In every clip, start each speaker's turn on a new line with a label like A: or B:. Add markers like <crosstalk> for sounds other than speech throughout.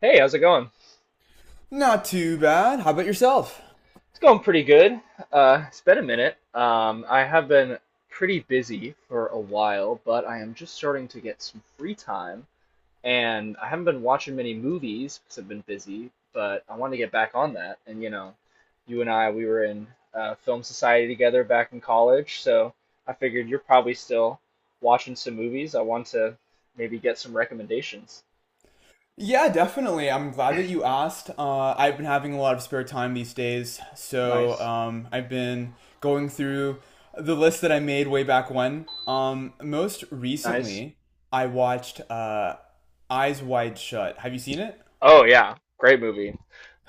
A: Hey, how's it going?
B: Not too bad. How about yourself?
A: It's going pretty good. It's been a minute. I have been pretty busy for a while, but I am just starting to get some free time, and I haven't been watching many movies because I've been busy, but I want to get back on that. And you know, you and I, we were in film society together back in college, so I figured you're probably still watching some movies. I want to maybe get some recommendations.
B: Yeah, definitely. I'm glad that you asked. I've been having a lot of spare time these days, so
A: Nice,
B: I've been going through the list that I made way back when. Most
A: nice.
B: recently, I watched Eyes Wide Shut. Have you seen it?
A: Oh yeah, great movie.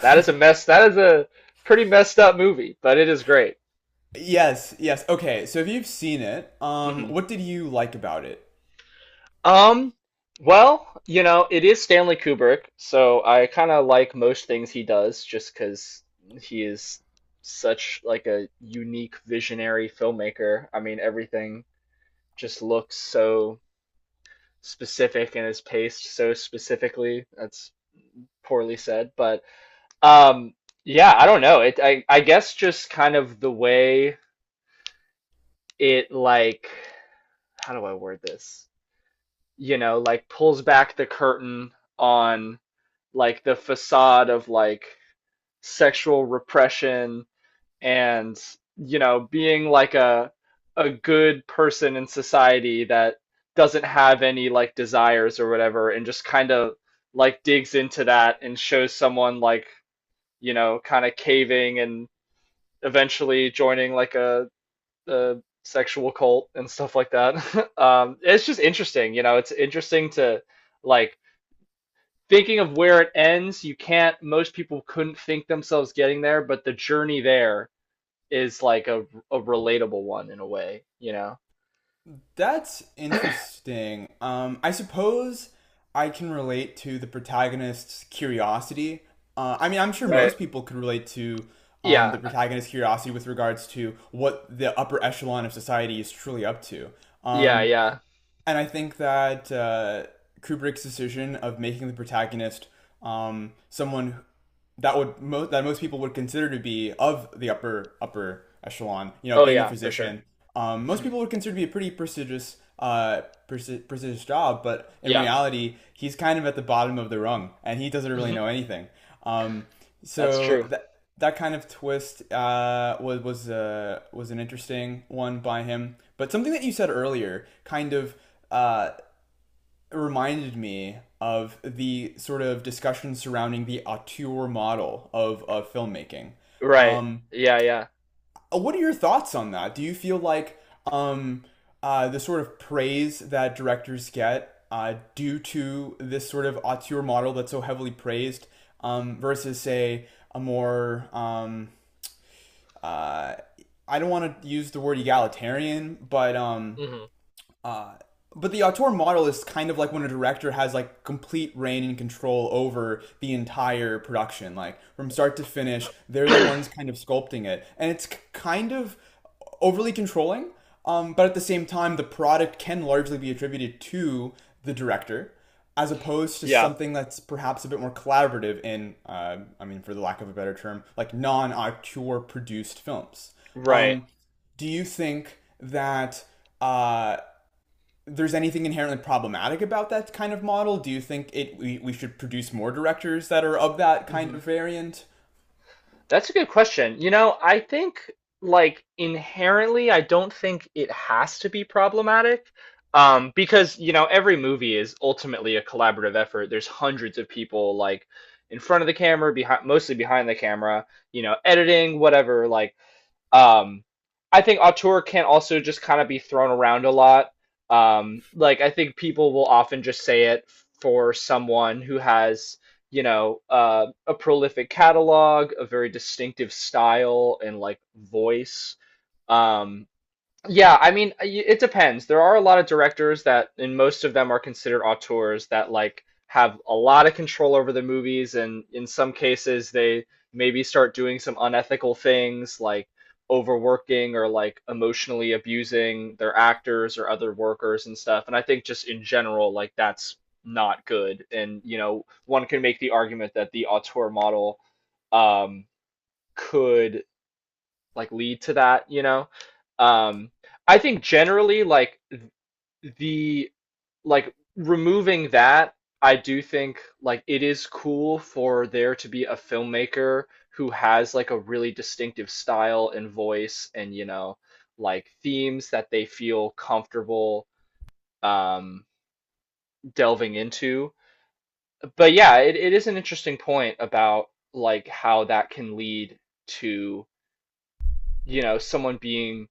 A: That is a mess. That is a pretty messed up movie, but it is great.
B: Yes, yes. Okay, so if you've seen it,
A: Hmm.
B: what did you like about it?
A: Um, well, you know, it is Stanley Kubrick, so I kind of like most things he does, just because he is such like a unique visionary filmmaker. I mean, everything just looks so specific and is paced so specifically. That's poorly said, but um, yeah, I don't know. I guess just kind of the way it like how do I word this? You know, like pulls back the curtain on like the facade of like sexual repression and you know being like a good person in society that doesn't have any like desires or whatever and just kind of like digs into that and shows someone like you know kind of caving and eventually joining like a the sexual cult and stuff like that. <laughs> It's just interesting, you know. It's interesting to like thinking of where it ends. You can't. Most people couldn't think themselves getting there, but the journey there is like a relatable one in a way, you know.
B: That's interesting. I suppose I can relate to the protagonist's curiosity. I mean, I'm sure
A: Right?
B: most people could relate to
A: Yeah.
B: the protagonist's curiosity with regards to what the upper echelon of society is truly up to.
A: Yeah.
B: Um,
A: Yeah.
B: and I think that Kubrick's decision of making the protagonist someone that would most people would consider to be of the upper echelon. You know,
A: Oh
B: being a
A: yeah, for sure.
B: physician, most
A: Hmm.
B: people would consider to be a pretty prestigious prestigious job. But in
A: Yeah.
B: reality, he's kind of at the bottom of the rung, and he doesn't really
A: Mhm.
B: know anything. Um,
A: That's
B: so
A: true.
B: that kind of twist was an interesting one by him. But something that you said earlier, kind of uh, reminded me of the sort of discussion surrounding the auteur model of filmmaking.
A: Right.
B: Um,
A: Yeah. Yeah.
B: what are your thoughts on that? Do you feel like um, the sort of praise that directors get due to this sort of auteur model that's so heavily praised, versus, say, a more, uh, I don't want to use the word egalitarian,
A: Hmm.
B: but the auteur model is kind of like when a director has like complete reign and control over the entire production, like from start to finish. They're the ones
A: <coughs>
B: kind of sculpting it, and kind of overly controlling. But at the same time, the product can largely be attributed to the director, as opposed
A: <clears throat>
B: to
A: Yeah.
B: something that's perhaps a bit more collaborative in, I mean, for the lack of a better term, like non-auteur produced films.
A: Right.
B: Um, do you think that uh, there's anything inherently problematic about that kind of model? Do you think we should produce more directors that are of that kind
A: Hmm.
B: of variant?
A: That's a good question. You know, I think like inherently, I don't think it has to be problematic because, you know, every movie is ultimately a collaborative effort. There's hundreds of people like in front of the camera, behind, mostly behind the camera, you know, editing, whatever. Um, I think auteur can also just kind of be thrown around a lot. Like I think people will often just say it for someone who has, you know, a prolific catalog, a very distinctive style and like voice. Um, yeah, I mean, it depends. There are a lot of directors that, and most of them are considered auteurs that like have a lot of control over the movies, and in some cases they maybe start doing some unethical things like overworking or like emotionally abusing their actors or other workers and stuff. And I think just in general, like that's not good. And you know, one can make the argument that the auteur model um could like lead to that, you know? Um, I think generally like the like removing that, I do think like it is cool for there to be a filmmaker who has like a really distinctive style and voice and you know like themes that they feel comfortable um delving into. But yeah, it is an interesting point about like how that can lead to, you know, someone being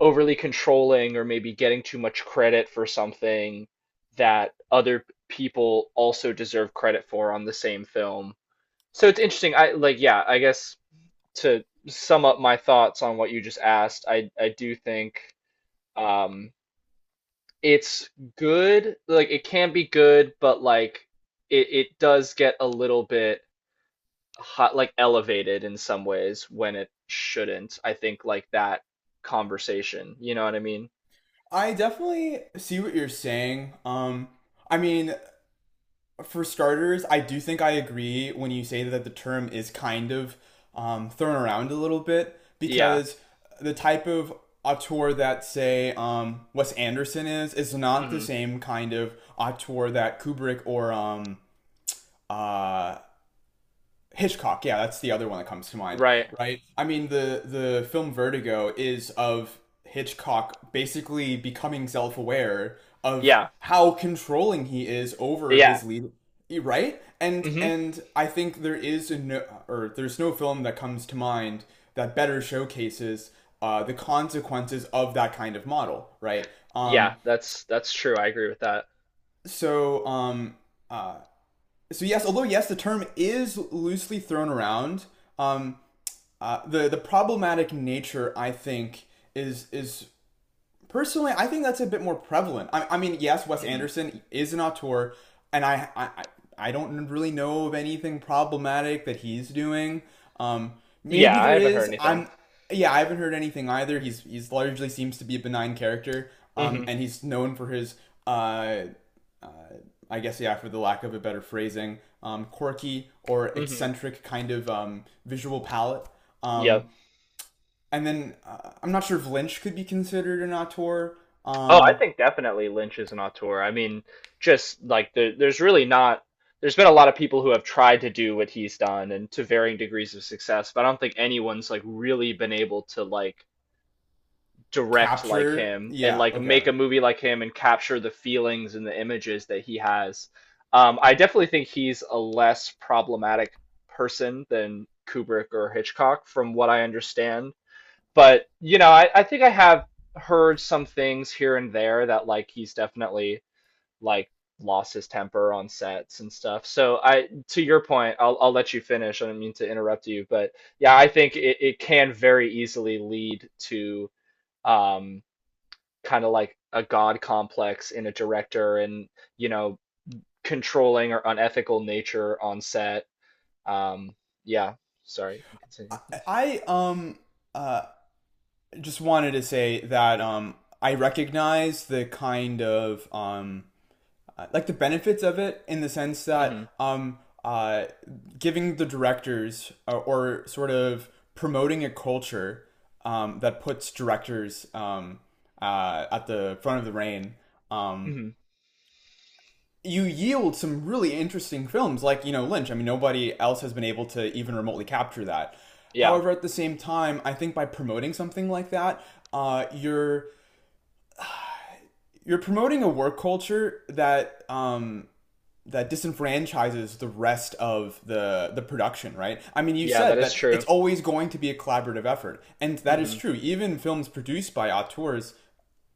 A: overly controlling or maybe getting too much credit for something that other people also deserve credit for on the same film. So it's interesting. I like yeah, I guess to sum up my thoughts on what you just asked, I do think um it's good, like it can be good, but like it does get a little bit hot like elevated in some ways when it shouldn't. I think like that conversation, you know what I mean?
B: I definitely see what you're saying. I mean, for starters, I do think I agree when you say that the term is kind of thrown around a little bit
A: Yeah.
B: because the type of auteur that, say, Wes Anderson is not the
A: Hmm.
B: same kind of auteur that Kubrick or uh, Hitchcock, yeah, that's the other one that comes to mind,
A: Right.
B: right? I mean, the film Vertigo is of Hitchcock basically becoming self-aware of
A: Yeah.
B: how controlling he is over
A: Yeah.
B: his lead, right? And
A: Hmm.
B: and I think there is a no, or there's no film that comes to mind that better showcases the consequences of that kind of model, right? Um,
A: Yeah, that's true. I agree with that.
B: so um, uh, so yes, although yes, the term is loosely thrown around. Um, the problematic nature I think is personally, I think that's a bit more prevalent. I mean, yes, Wes
A: Hmm.
B: Anderson is an auteur, and don't really know of anything problematic that he's doing. Um,
A: Yeah,
B: maybe
A: I
B: there
A: haven't heard
B: is.
A: anything.
B: Yeah, I haven't heard anything either. He's largely seems to be a benign character.
A: Hmm.
B: And he's known for his, uh, uh, I guess yeah, for the lack of a better phrasing, quirky or
A: Hmm.
B: eccentric kind of visual palette.
A: Yep.
B: Um, and then I'm not sure if Lynch could be considered an auteur.
A: Oh, I
B: Um,
A: think definitely Lynch is an auteur. I mean, just like there, there's really not. There's been a lot of people who have tried to do what he's done and to varying degrees of success, but I don't think anyone's like really been able to like direct like
B: capture,
A: him and
B: yeah,
A: like
B: okay.
A: make a movie like him and capture the feelings and the images that he has. I definitely think he's a less problematic person than Kubrick or Hitchcock, from what I understand. But, you know, I think I have heard some things here and there that like he's definitely like lost his temper on sets and stuff. So I, to your point, I'll let you finish. I don't mean to interrupt you, but yeah, I think it, it can very easily lead to um kind of like a god complex in a director and you know controlling or unethical nature on set um yeah sorry
B: I,
A: continue.
B: I um uh just wanted to say that I recognize the kind of like the benefits of it in the sense that
A: Mhm.
B: uh giving the directors or sort of promoting a culture that puts directors at the front of the reign, um
A: Mhm.
B: you yield some really interesting films, like, you know, Lynch. I mean, nobody else has been able to even remotely capture that.
A: Yeah,
B: However, at the same time, I think by promoting something like that, uh, you're you're promoting a work culture that that disenfranchises the rest of the production, right? I mean, you
A: yeah, that
B: said
A: is
B: that
A: true.
B: it's always going to be a collaborative effort, and that is
A: Mhm.
B: true. Even films produced by auteurs,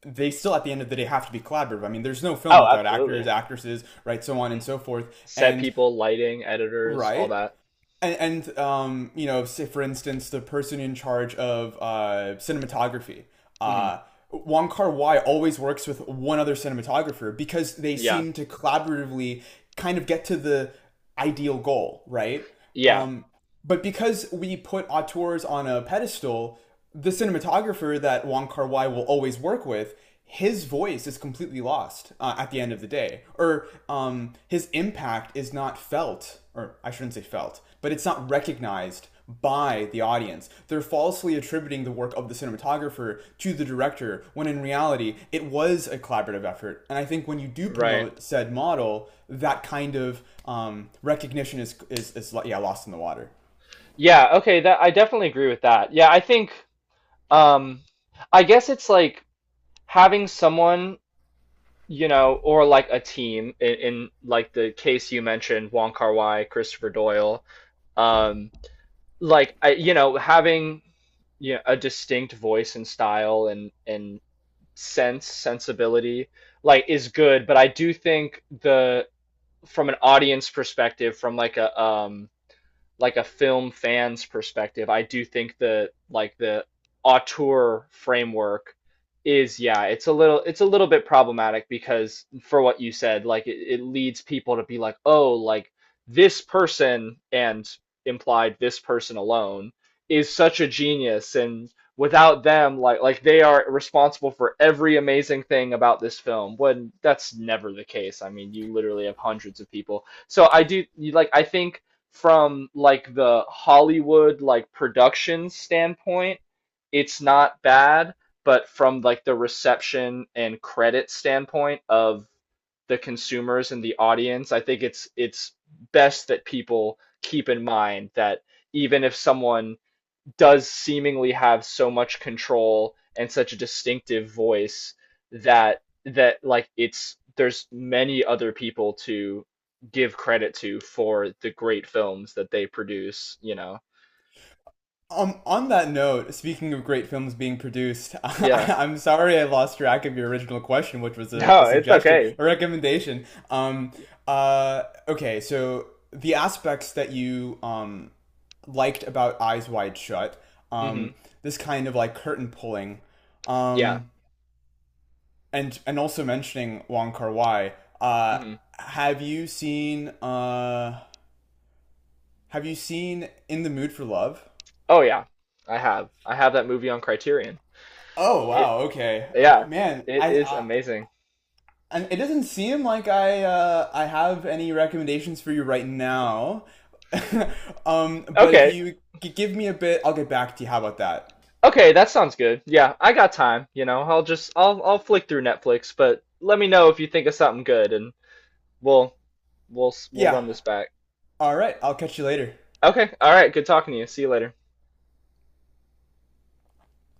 B: they still at the end of the day have to be collaborative. I mean, there's no film
A: Oh,
B: without actors,
A: absolutely.
B: actresses, right, so on and
A: Mm.
B: so forth.
A: Set
B: And
A: people lighting editors all
B: right?
A: that.
B: And, you know, say for instance, the person in charge of cinematography,
A: Mhm.
B: uh, Wong Kar Wai always works with one other cinematographer because they
A: Yeah.
B: seem to collaboratively kind of get to the ideal goal, right?
A: Yeah.
B: Um, but because we put auteurs on a pedestal, the cinematographer that Wong Kar Wai will always work with, his voice is completely lost at the end of the day, or his impact is not felt, or I shouldn't say felt, but it's not recognized by the audience. They're falsely attributing the work of the cinematographer to the director, when in reality, it was a collaborative effort. And I think when you do
A: Right.
B: promote said model, that kind of recognition is, yeah, lost in the water.
A: Yeah, okay, that I definitely agree with that. Yeah, I think um I guess it's like having someone, you know, or like a team in like the case you mentioned, Wong Kar-wai, Christopher Doyle. Um, like I, you know, having, you know, a distinct voice and style and sense sensibility like is good, but I do think the from an audience perspective, from like a like a film fan's perspective, I do think the like the auteur framework is yeah, it's a little bit problematic because for what you said, like it leads people to be like, oh, like this person and implied this person alone is such a genius and without them like they are responsible for every amazing thing about this film when that's never the case. I mean you literally have hundreds of people so I do like I think from like the Hollywood like production standpoint, it's not bad, but from like the reception and credit standpoint of the consumers and the audience, I think it's best that people keep in mind that even if someone does seemingly have so much control and such a distinctive voice that that like it's there's many other people to give credit to for the great films that they produce, you know.
B: On that note, speaking of great films being produced, <laughs>
A: Yeah.
B: I'm sorry I lost track of your original question, which was a
A: No, it's
B: suggestion,
A: okay.
B: a recommendation. Okay, so the aspects that you liked about Eyes Wide Shut, um,
A: Hmm.
B: this kind of like curtain pulling,
A: Yeah.
B: um, and also mentioning Wong Kar Wai. Uh,
A: Hmm.
B: have you seen uh, Have you seen In the Mood for Love?
A: Oh yeah. I have. I have that movie on Criterion.
B: Oh
A: It
B: wow, okay, oh,
A: yeah,
B: man.
A: it is
B: I
A: amazing.
B: And it doesn't seem like I have any recommendations for you right now. <laughs> But if
A: Okay.
B: you give me a bit, I'll get back to you. How about that?
A: Okay, that sounds good. Yeah, I got time, you know. I'll just I'll flick through Netflix, but let me know if you think of something good and We'll we'll
B: Yeah.
A: run this back.
B: All right. I'll catch you later.
A: Okay, all right, good talking to you. See you later.